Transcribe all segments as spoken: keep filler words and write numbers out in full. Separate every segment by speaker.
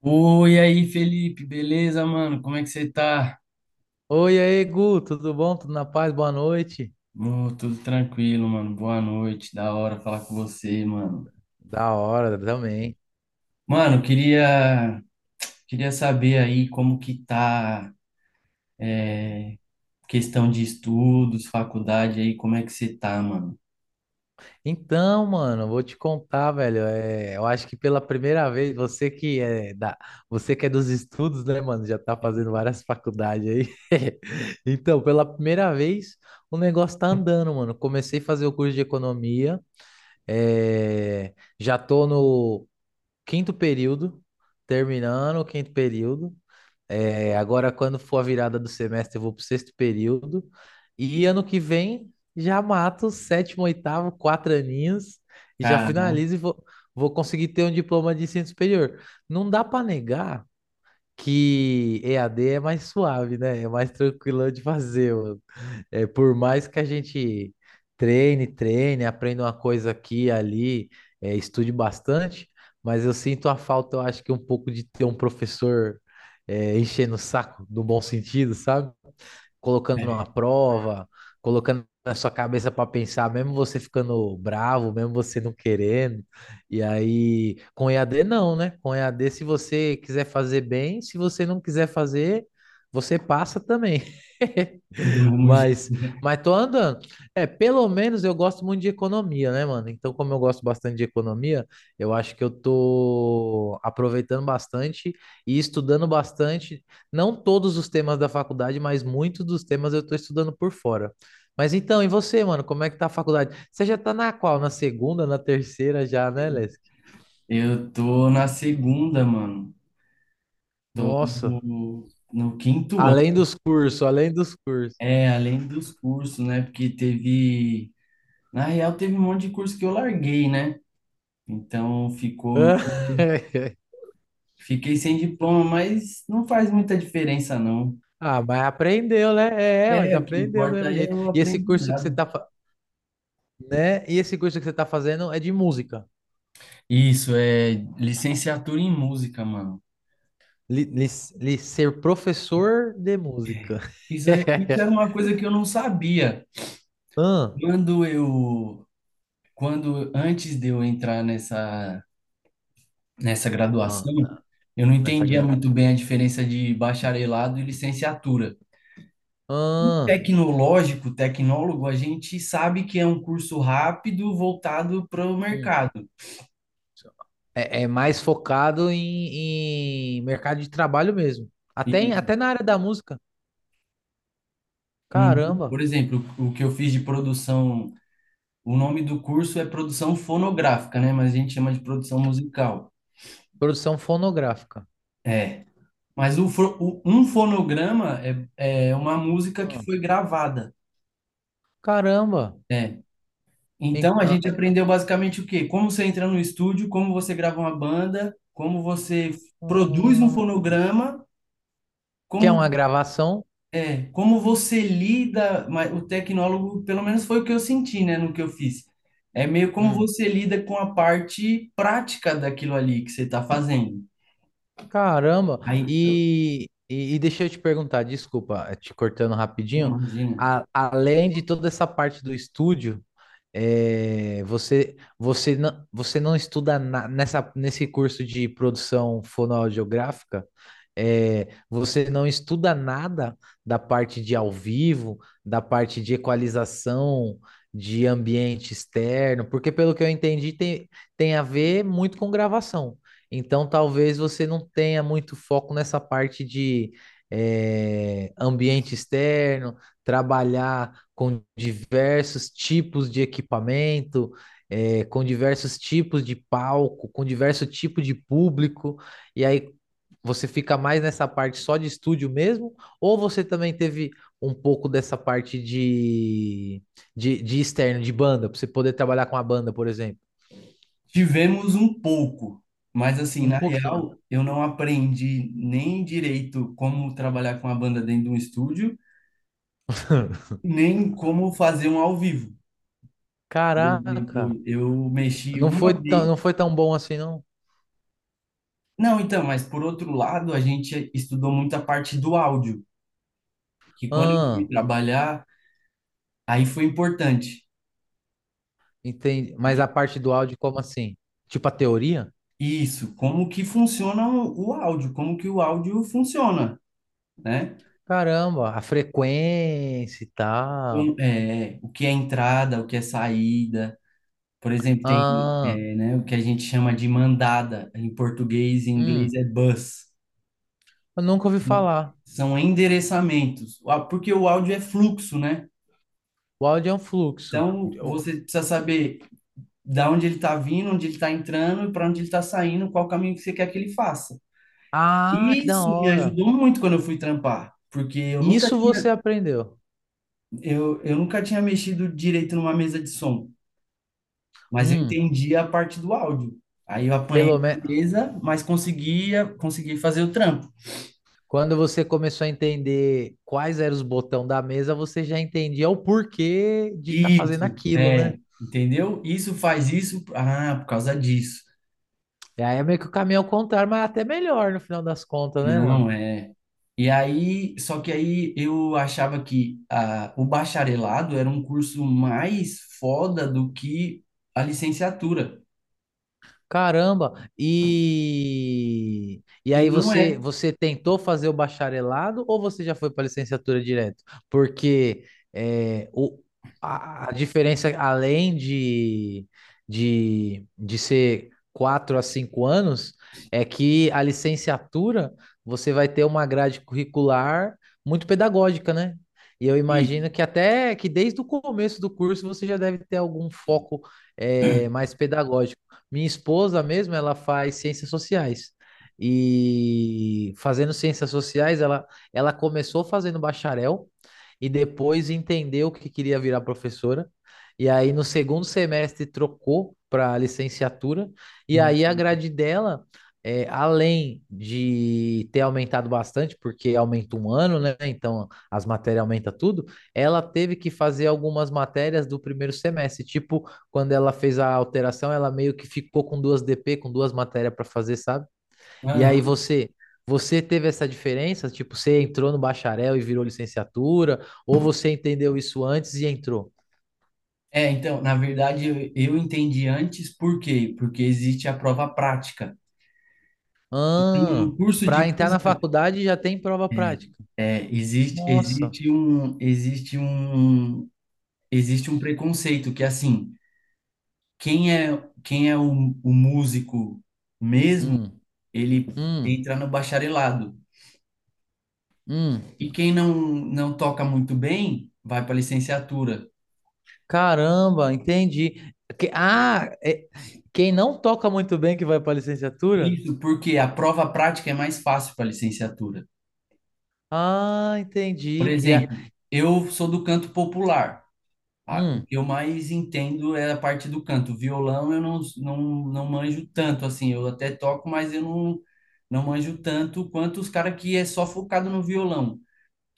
Speaker 1: Oi, aí, Felipe, beleza, mano? Como é que você tá?
Speaker 2: Oi, aí, Gu, tudo bom? Tudo na paz? Boa noite.
Speaker 1: Ô, tudo tranquilo, mano. Boa noite, da hora falar com você, mano.
Speaker 2: Da hora também.
Speaker 1: Mano, eu queria, queria saber aí como que tá, é, questão de estudos, faculdade aí, como é que você tá, mano?
Speaker 2: Então, mano, vou te contar, velho. É, eu acho que pela primeira vez, você que é da, você que é dos estudos, né, mano? Já tá fazendo várias faculdades aí. Então, pela primeira vez, o negócio tá andando, mano. Comecei a fazer o curso de economia. É, já tô no quinto período, terminando o quinto período. É, agora, quando for a virada do semestre, eu vou pro sexto período. E ano que vem já mato sétimo, oitavo, quatro aninhos e já
Speaker 1: Cara,
Speaker 2: finalizo e vou, vou conseguir ter um diploma de ensino superior. Não dá para negar que E A D é mais suave, né? É mais tranquilo de fazer, mano. É, por mais que a gente treine, treine, aprenda uma coisa aqui e ali, é, estude bastante, mas eu sinto a falta, eu acho que um pouco de ter um professor é, enchendo o saco, no bom sentido, sabe? Colocando uma prova, colocando na sua cabeça para pensar, mesmo você ficando bravo, mesmo você não querendo. E aí, com E A D não, né? Com E A D, se você quiser fazer bem, se você não quiser fazer, você passa também.
Speaker 1: do mesmo jeito,
Speaker 2: Mas,
Speaker 1: né?
Speaker 2: mas tô andando. É, pelo menos eu gosto muito de economia, né, mano? Então, como eu gosto bastante de economia, eu acho que eu tô aproveitando bastante e estudando bastante, não todos os temas da faculdade, mas muitos dos temas eu tô estudando por fora. Mas então, e você, mano, como é que tá a faculdade? Você já tá na qual? Na segunda, na terceira já, né, Lesk?
Speaker 1: Eu tô na segunda, mano. Tô
Speaker 2: Nossa,
Speaker 1: no, no quinto ano.
Speaker 2: além dos cursos, além dos cursos.
Speaker 1: É, além dos cursos, né? Porque teve. Na real, teve um monte de curso que eu larguei, né? Então ficou, me- fiquei sem diploma, mas não faz muita diferença, não.
Speaker 2: Ah, mas aprendeu, né? É, mas
Speaker 1: É, o que
Speaker 2: aprendeu do
Speaker 1: importa
Speaker 2: mesmo
Speaker 1: é
Speaker 2: jeito.
Speaker 1: o
Speaker 2: E esse curso que você
Speaker 1: aprendizado.
Speaker 2: tá, fa- né? E esse curso que você tá fazendo é de música.
Speaker 1: Isso é licenciatura em música, mano.
Speaker 2: Li, li- li- ser professor de música.
Speaker 1: Isso é, isso era uma coisa que eu não sabia.
Speaker 2: Ah,
Speaker 1: Quando eu, Quando antes de eu entrar nessa, nessa
Speaker 2: ah,
Speaker 1: graduação,
Speaker 2: não,
Speaker 1: eu não
Speaker 2: essa
Speaker 1: entendia
Speaker 2: gra-
Speaker 1: muito bem a diferença de bacharelado e licenciatura. O
Speaker 2: Ah,
Speaker 1: Tecnológico, tecnólogo, a gente sabe que é um curso rápido voltado para o
Speaker 2: hum.
Speaker 1: mercado.
Speaker 2: É, é mais focado em, em mercado de trabalho mesmo. Até, em-
Speaker 1: Isso.
Speaker 2: até na área da música.
Speaker 1: Uhum. Por
Speaker 2: Caramba,
Speaker 1: exemplo, o que eu fiz de produção, o nome do curso é produção fonográfica, né? Mas a gente chama de produção musical.
Speaker 2: produção fonográfica.
Speaker 1: É. Mas o, fo- o- um fonograma é, é uma música que
Speaker 2: Ah,
Speaker 1: foi gravada.
Speaker 2: caramba.
Speaker 1: É. Então a
Speaker 2: Então,
Speaker 1: gente
Speaker 2: é,
Speaker 1: aprendeu basicamente o quê? Como você entra no estúdio, como você grava uma banda, como você produz um
Speaker 2: hum,
Speaker 1: fonograma,
Speaker 2: que é
Speaker 1: como...
Speaker 2: uma gravação?
Speaker 1: É, como você lida, mas o tecnólogo, pelo menos foi o que eu senti, né, no que eu fiz. É meio como
Speaker 2: Hum.
Speaker 1: você lida com a parte prática daquilo ali que você está fazendo.
Speaker 2: Caramba!
Speaker 1: Aí,
Speaker 2: E, e, e deixa eu te perguntar, desculpa, eh, te cortando rapidinho.
Speaker 1: imagina,
Speaker 2: A- além de toda essa parte do estúdio, é, você, você não, você não estuda na- nessa, nesse curso de produção fonoaudiográfica, é, você não estuda nada da parte de ao vivo, da parte de equalização, de ambiente externo, porque pelo que eu entendi, tem, tem a ver muito com gravação. Então, talvez você não tenha muito foco nessa parte de, é, ambiente externo, trabalhar com diversos tipos de equipamento, eh, com diversos tipos de palco, com diversos tipos de público, e aí você fica mais nessa parte só de estúdio mesmo, ou você também teve um pouco dessa parte de, de, de externo, de banda, para você poder trabalhar com a banda, por exemplo?
Speaker 1: tivemos um pouco, mas assim,
Speaker 2: Um
Speaker 1: na
Speaker 2: pouquinho.
Speaker 1: real, eu não aprendi nem direito como trabalhar com a banda dentro de um estúdio, nem como fazer um ao vivo. Por
Speaker 2: Caraca,
Speaker 1: exemplo, eu mexi
Speaker 2: não foi
Speaker 1: uma
Speaker 2: tão,
Speaker 1: vez.
Speaker 2: não foi tão bom assim, não?
Speaker 1: Não, então, mas por outro lado, a gente estudou muito a parte do áudio, que quando eu fui
Speaker 2: Ah,
Speaker 1: trabalhar, aí foi importante.
Speaker 2: entendi. Mas
Speaker 1: Porque
Speaker 2: a parte do áudio, como assim? Tipo a teoria?
Speaker 1: isso, como que funciona o o áudio, como que o áudio funciona, né?
Speaker 2: Caramba, a frequência e tal.
Speaker 1: Como- é, o que é entrada, o que é saída. Por exemplo, tem,
Speaker 2: Ah,
Speaker 1: é, né, o que a gente chama de mandada, em português e em
Speaker 2: hum,
Speaker 1: inglês é bus.
Speaker 2: eu nunca ouvi
Speaker 1: Então,
Speaker 2: falar.
Speaker 1: são endereçamentos. Ah, porque o áudio é fluxo, né?
Speaker 2: O áudio é um fluxo.
Speaker 1: Então, você precisa saber da onde ele está vindo, onde ele está entrando e para onde ele está saindo, qual caminho que você quer que ele faça.
Speaker 2: Ah, que da
Speaker 1: Isso me
Speaker 2: hora.
Speaker 1: ajudou muito quando eu fui trampar, porque eu nunca
Speaker 2: Isso
Speaker 1: tinha,
Speaker 2: você aprendeu.
Speaker 1: eu, eu nunca tinha mexido direito numa mesa de som, mas eu
Speaker 2: Hum,
Speaker 1: entendi a parte do áudio. Aí eu apanhei
Speaker 2: pelo
Speaker 1: a
Speaker 2: menos
Speaker 1: mesa, mas conseguia, consegui fazer o trampo.
Speaker 2: quando você começou a entender quais eram os botões da mesa, você já entendia o porquê de estar fazendo
Speaker 1: Isso,
Speaker 2: aquilo, né?
Speaker 1: é, entendeu? Isso faz isso, ah, por causa disso.
Speaker 2: E aí é meio que o caminho ao contrário, mas é até melhor no final das contas, né, mano?
Speaker 1: Não, é. E aí, só que aí eu achava que ah, o bacharelado era um curso mais foda do que a licenciatura.
Speaker 2: Caramba! E e
Speaker 1: E
Speaker 2: aí
Speaker 1: não
Speaker 2: você
Speaker 1: é.
Speaker 2: você tentou fazer o bacharelado ou você já foi para licenciatura direto? Porque é, o, a, a diferença além de, de de ser quatro a cinco anos é que a licenciatura você vai ter uma grade curricular muito pedagógica, né? E eu imagino que até que desde o começo do curso você já deve ter algum foco eh, mais pedagógico. Minha esposa mesmo, ela faz ciências sociais. E fazendo ciências sociais, ela, ela começou fazendo bacharel e depois entendeu que queria virar professora. E aí, no segundo semestre, trocou para licenciatura. E
Speaker 1: Uhum.
Speaker 2: aí, a grade dela, é, além de ter aumentado bastante, porque aumenta um ano, né? Então, as matérias aumentam tudo. Ela teve que fazer algumas matérias do primeiro semestre, tipo quando ela fez a alteração, ela meio que ficou com duas D P, com duas matérias para fazer, sabe? E aí
Speaker 1: Aham.
Speaker 2: você, você teve essa diferença? Tipo, você entrou no bacharel e virou licenciatura, ou você entendeu isso antes e entrou?
Speaker 1: É, então, na verdade, eu, eu entendi antes por quê? Porque existe a prova prática. No
Speaker 2: Ah,
Speaker 1: no curso
Speaker 2: para
Speaker 1: de
Speaker 2: entrar na
Speaker 1: música,
Speaker 2: faculdade já tem prova
Speaker 1: é,
Speaker 2: prática.
Speaker 1: é, existe,
Speaker 2: Nossa.
Speaker 1: existe um, existe um, existe um preconceito que, assim, quem é, quem é o, o músico mesmo,
Speaker 2: Hum,
Speaker 1: ele
Speaker 2: hum,
Speaker 1: entra no bacharelado.
Speaker 2: hum.
Speaker 1: E quem não, não toca muito bem, vai para a licenciatura.
Speaker 2: Caramba, entendi. Que- Ah, é- quem não toca muito bem que vai para licenciatura?
Speaker 1: Isso porque a prova prática é mais fácil para a licenciatura.
Speaker 2: Ah,
Speaker 1: Por
Speaker 2: entendi. E a-
Speaker 1: exemplo, eu sou do canto popular. Ah, o
Speaker 2: hum.
Speaker 1: que eu mais entendo é a parte do canto. Violão eu não, não, não manjo tanto, assim. Eu até toco, mas eu não, não manjo tanto quanto os caras que é só focado no violão.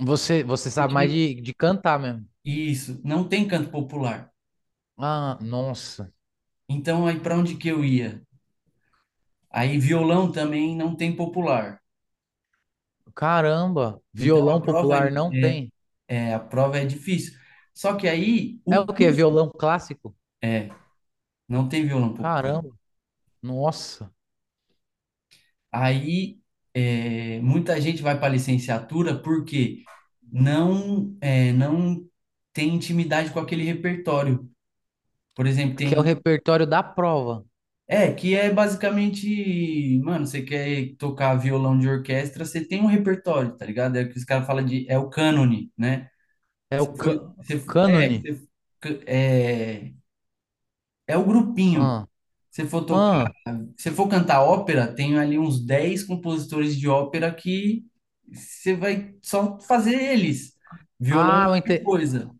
Speaker 2: Você, você sabe mais
Speaker 1: Porque
Speaker 2: de, de cantar mesmo.
Speaker 1: isso, não tem canto popular.
Speaker 2: Ah, nossa.
Speaker 1: Então, aí para onde que eu ia? Aí violão também não tem popular.
Speaker 2: Caramba.
Speaker 1: Então, a
Speaker 2: Violão
Speaker 1: prova é,
Speaker 2: popular não tem.
Speaker 1: é, a prova é difícil. Só que aí,
Speaker 2: É o
Speaker 1: o,
Speaker 2: quê?
Speaker 1: curso...
Speaker 2: Violão clássico?
Speaker 1: É, não tem violão popular.
Speaker 2: Caramba. Nossa.
Speaker 1: Aí é, muita gente vai para a licenciatura porque não é, não tem intimidade com aquele repertório. Por exemplo,
Speaker 2: Que é o
Speaker 1: tem.
Speaker 2: repertório da prova.
Speaker 1: É, que é basicamente, mano, você quer tocar violão de orquestra, você tem um repertório, tá ligado? É o que os caras falam de. É o cânone, né?
Speaker 2: É o
Speaker 1: Se for,
Speaker 2: cânone.
Speaker 1: se for- é,
Speaker 2: Cânone.
Speaker 1: se, é, é o grupinho.
Speaker 2: Ah,
Speaker 1: Se for
Speaker 2: ah.
Speaker 1: Se for cantar ópera, tem ali uns dez compositores de ópera que você vai só fazer eles. Violão é
Speaker 2: Ah, eu
Speaker 1: outra
Speaker 2: ente-
Speaker 1: coisa.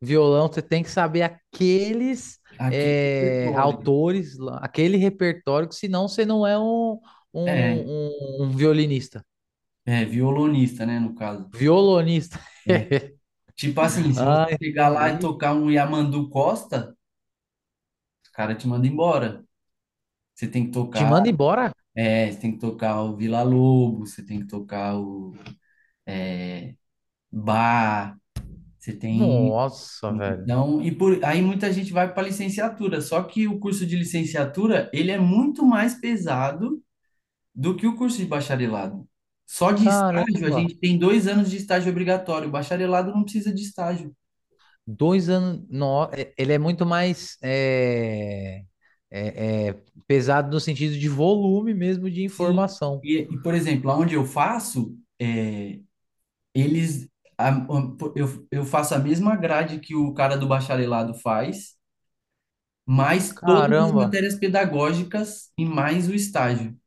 Speaker 2: Violão, você tem que saber aqueles
Speaker 1: Aquele
Speaker 2: eh,
Speaker 1: repertório.
Speaker 2: autores, lá, aquele repertório, que senão você não é um,
Speaker 1: É,
Speaker 2: um, um um violinista.
Speaker 1: é, violonista, né, no caso.
Speaker 2: Violonista.
Speaker 1: É. Tipo assim, se você
Speaker 2: Ah,
Speaker 1: chegar lá e
Speaker 2: entendi.
Speaker 1: tocar um Yamandu Costa, os caras te mandam embora. Você tem que
Speaker 2: Te
Speaker 1: tocar,
Speaker 2: manda embora?
Speaker 1: é, você tem que tocar o Vila Lobos, você tem que tocar o Bar, você tem...
Speaker 2: Nossa, velho.
Speaker 1: Então, e por, aí muita gente vai para licenciatura, só que o curso de licenciatura, ele é muito mais pesado do que o curso de bacharelado. Só de estágio, a
Speaker 2: Caramba.
Speaker 1: gente tem dois anos de estágio obrigatório, o bacharelado não precisa de estágio.
Speaker 2: Dois anos. No... é- Ele é muito mais é, é, é, pesado no sentido de volume mesmo de
Speaker 1: Sim.
Speaker 2: informação.
Speaker 1: E, e, por exemplo, aonde eu faço, é, eles, a- a- eu, eu faço a mesma grade que o cara do bacharelado faz, mais todas as
Speaker 2: Caramba.
Speaker 1: matérias pedagógicas e mais o estágio.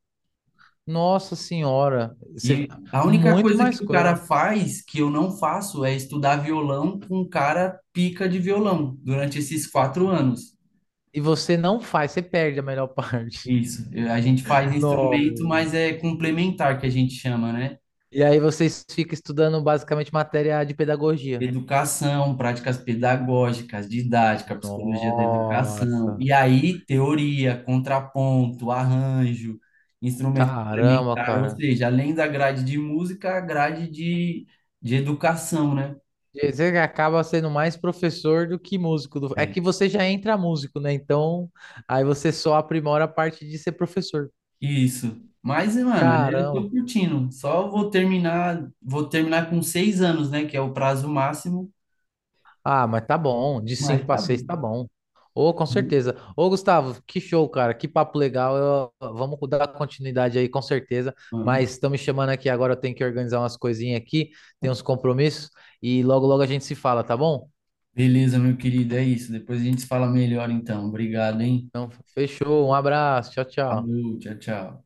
Speaker 2: Nossa senhora. Você...
Speaker 1: E a única
Speaker 2: Muito
Speaker 1: coisa
Speaker 2: mais
Speaker 1: que o cara
Speaker 2: coisa.
Speaker 1: faz, que eu não faço, é estudar violão com um cara pica de violão durante esses quatro anos.
Speaker 2: E você não faz, você perde a melhor parte.
Speaker 1: Isso. Eu... A gente faz instrumento,
Speaker 2: Não.
Speaker 1: mas é complementar, que a gente chama, né?
Speaker 2: E aí vocês ficam estudando basicamente matéria de pedagogia.
Speaker 1: Educação, práticas pedagógicas, didática, psicologia da educação.
Speaker 2: Nossa.
Speaker 1: E aí, teoria, contraponto, arranjo, instrumento
Speaker 2: Caramba,
Speaker 1: complementar, ou
Speaker 2: cara.
Speaker 1: seja, além da grade de música, a grade de, de educação, né?
Speaker 2: Dizer que acaba sendo mais professor do que músico. do- É que você já entra músico, né? Então, aí você só aprimora a parte de ser professor.
Speaker 1: Isso. Mas, mano, eu tô
Speaker 2: Caramba.
Speaker 1: curtindo. Só vou terminar, vou terminar com seis anos, né? Que é o prazo máximo.
Speaker 2: Ah, mas tá bom. De cinco
Speaker 1: Mas
Speaker 2: para
Speaker 1: tá
Speaker 2: seis tá
Speaker 1: bom.
Speaker 2: bom. Ô, com certeza. Ô, Gustavo, que show, cara. Que papo legal. Eu- Vamos dar continuidade aí, com certeza.
Speaker 1: Vamos.
Speaker 2: Mas estão me chamando aqui agora. Eu tenho que organizar umas coisinhas aqui. Tem uns compromissos. E logo, logo a gente se fala, tá bom?
Speaker 1: Beleza, meu querido, é isso. Depois a gente se fala melhor, então. Obrigado, hein?
Speaker 2: Então, fechou. Um abraço. Tchau, tchau.
Speaker 1: Falou, tchau, tchau.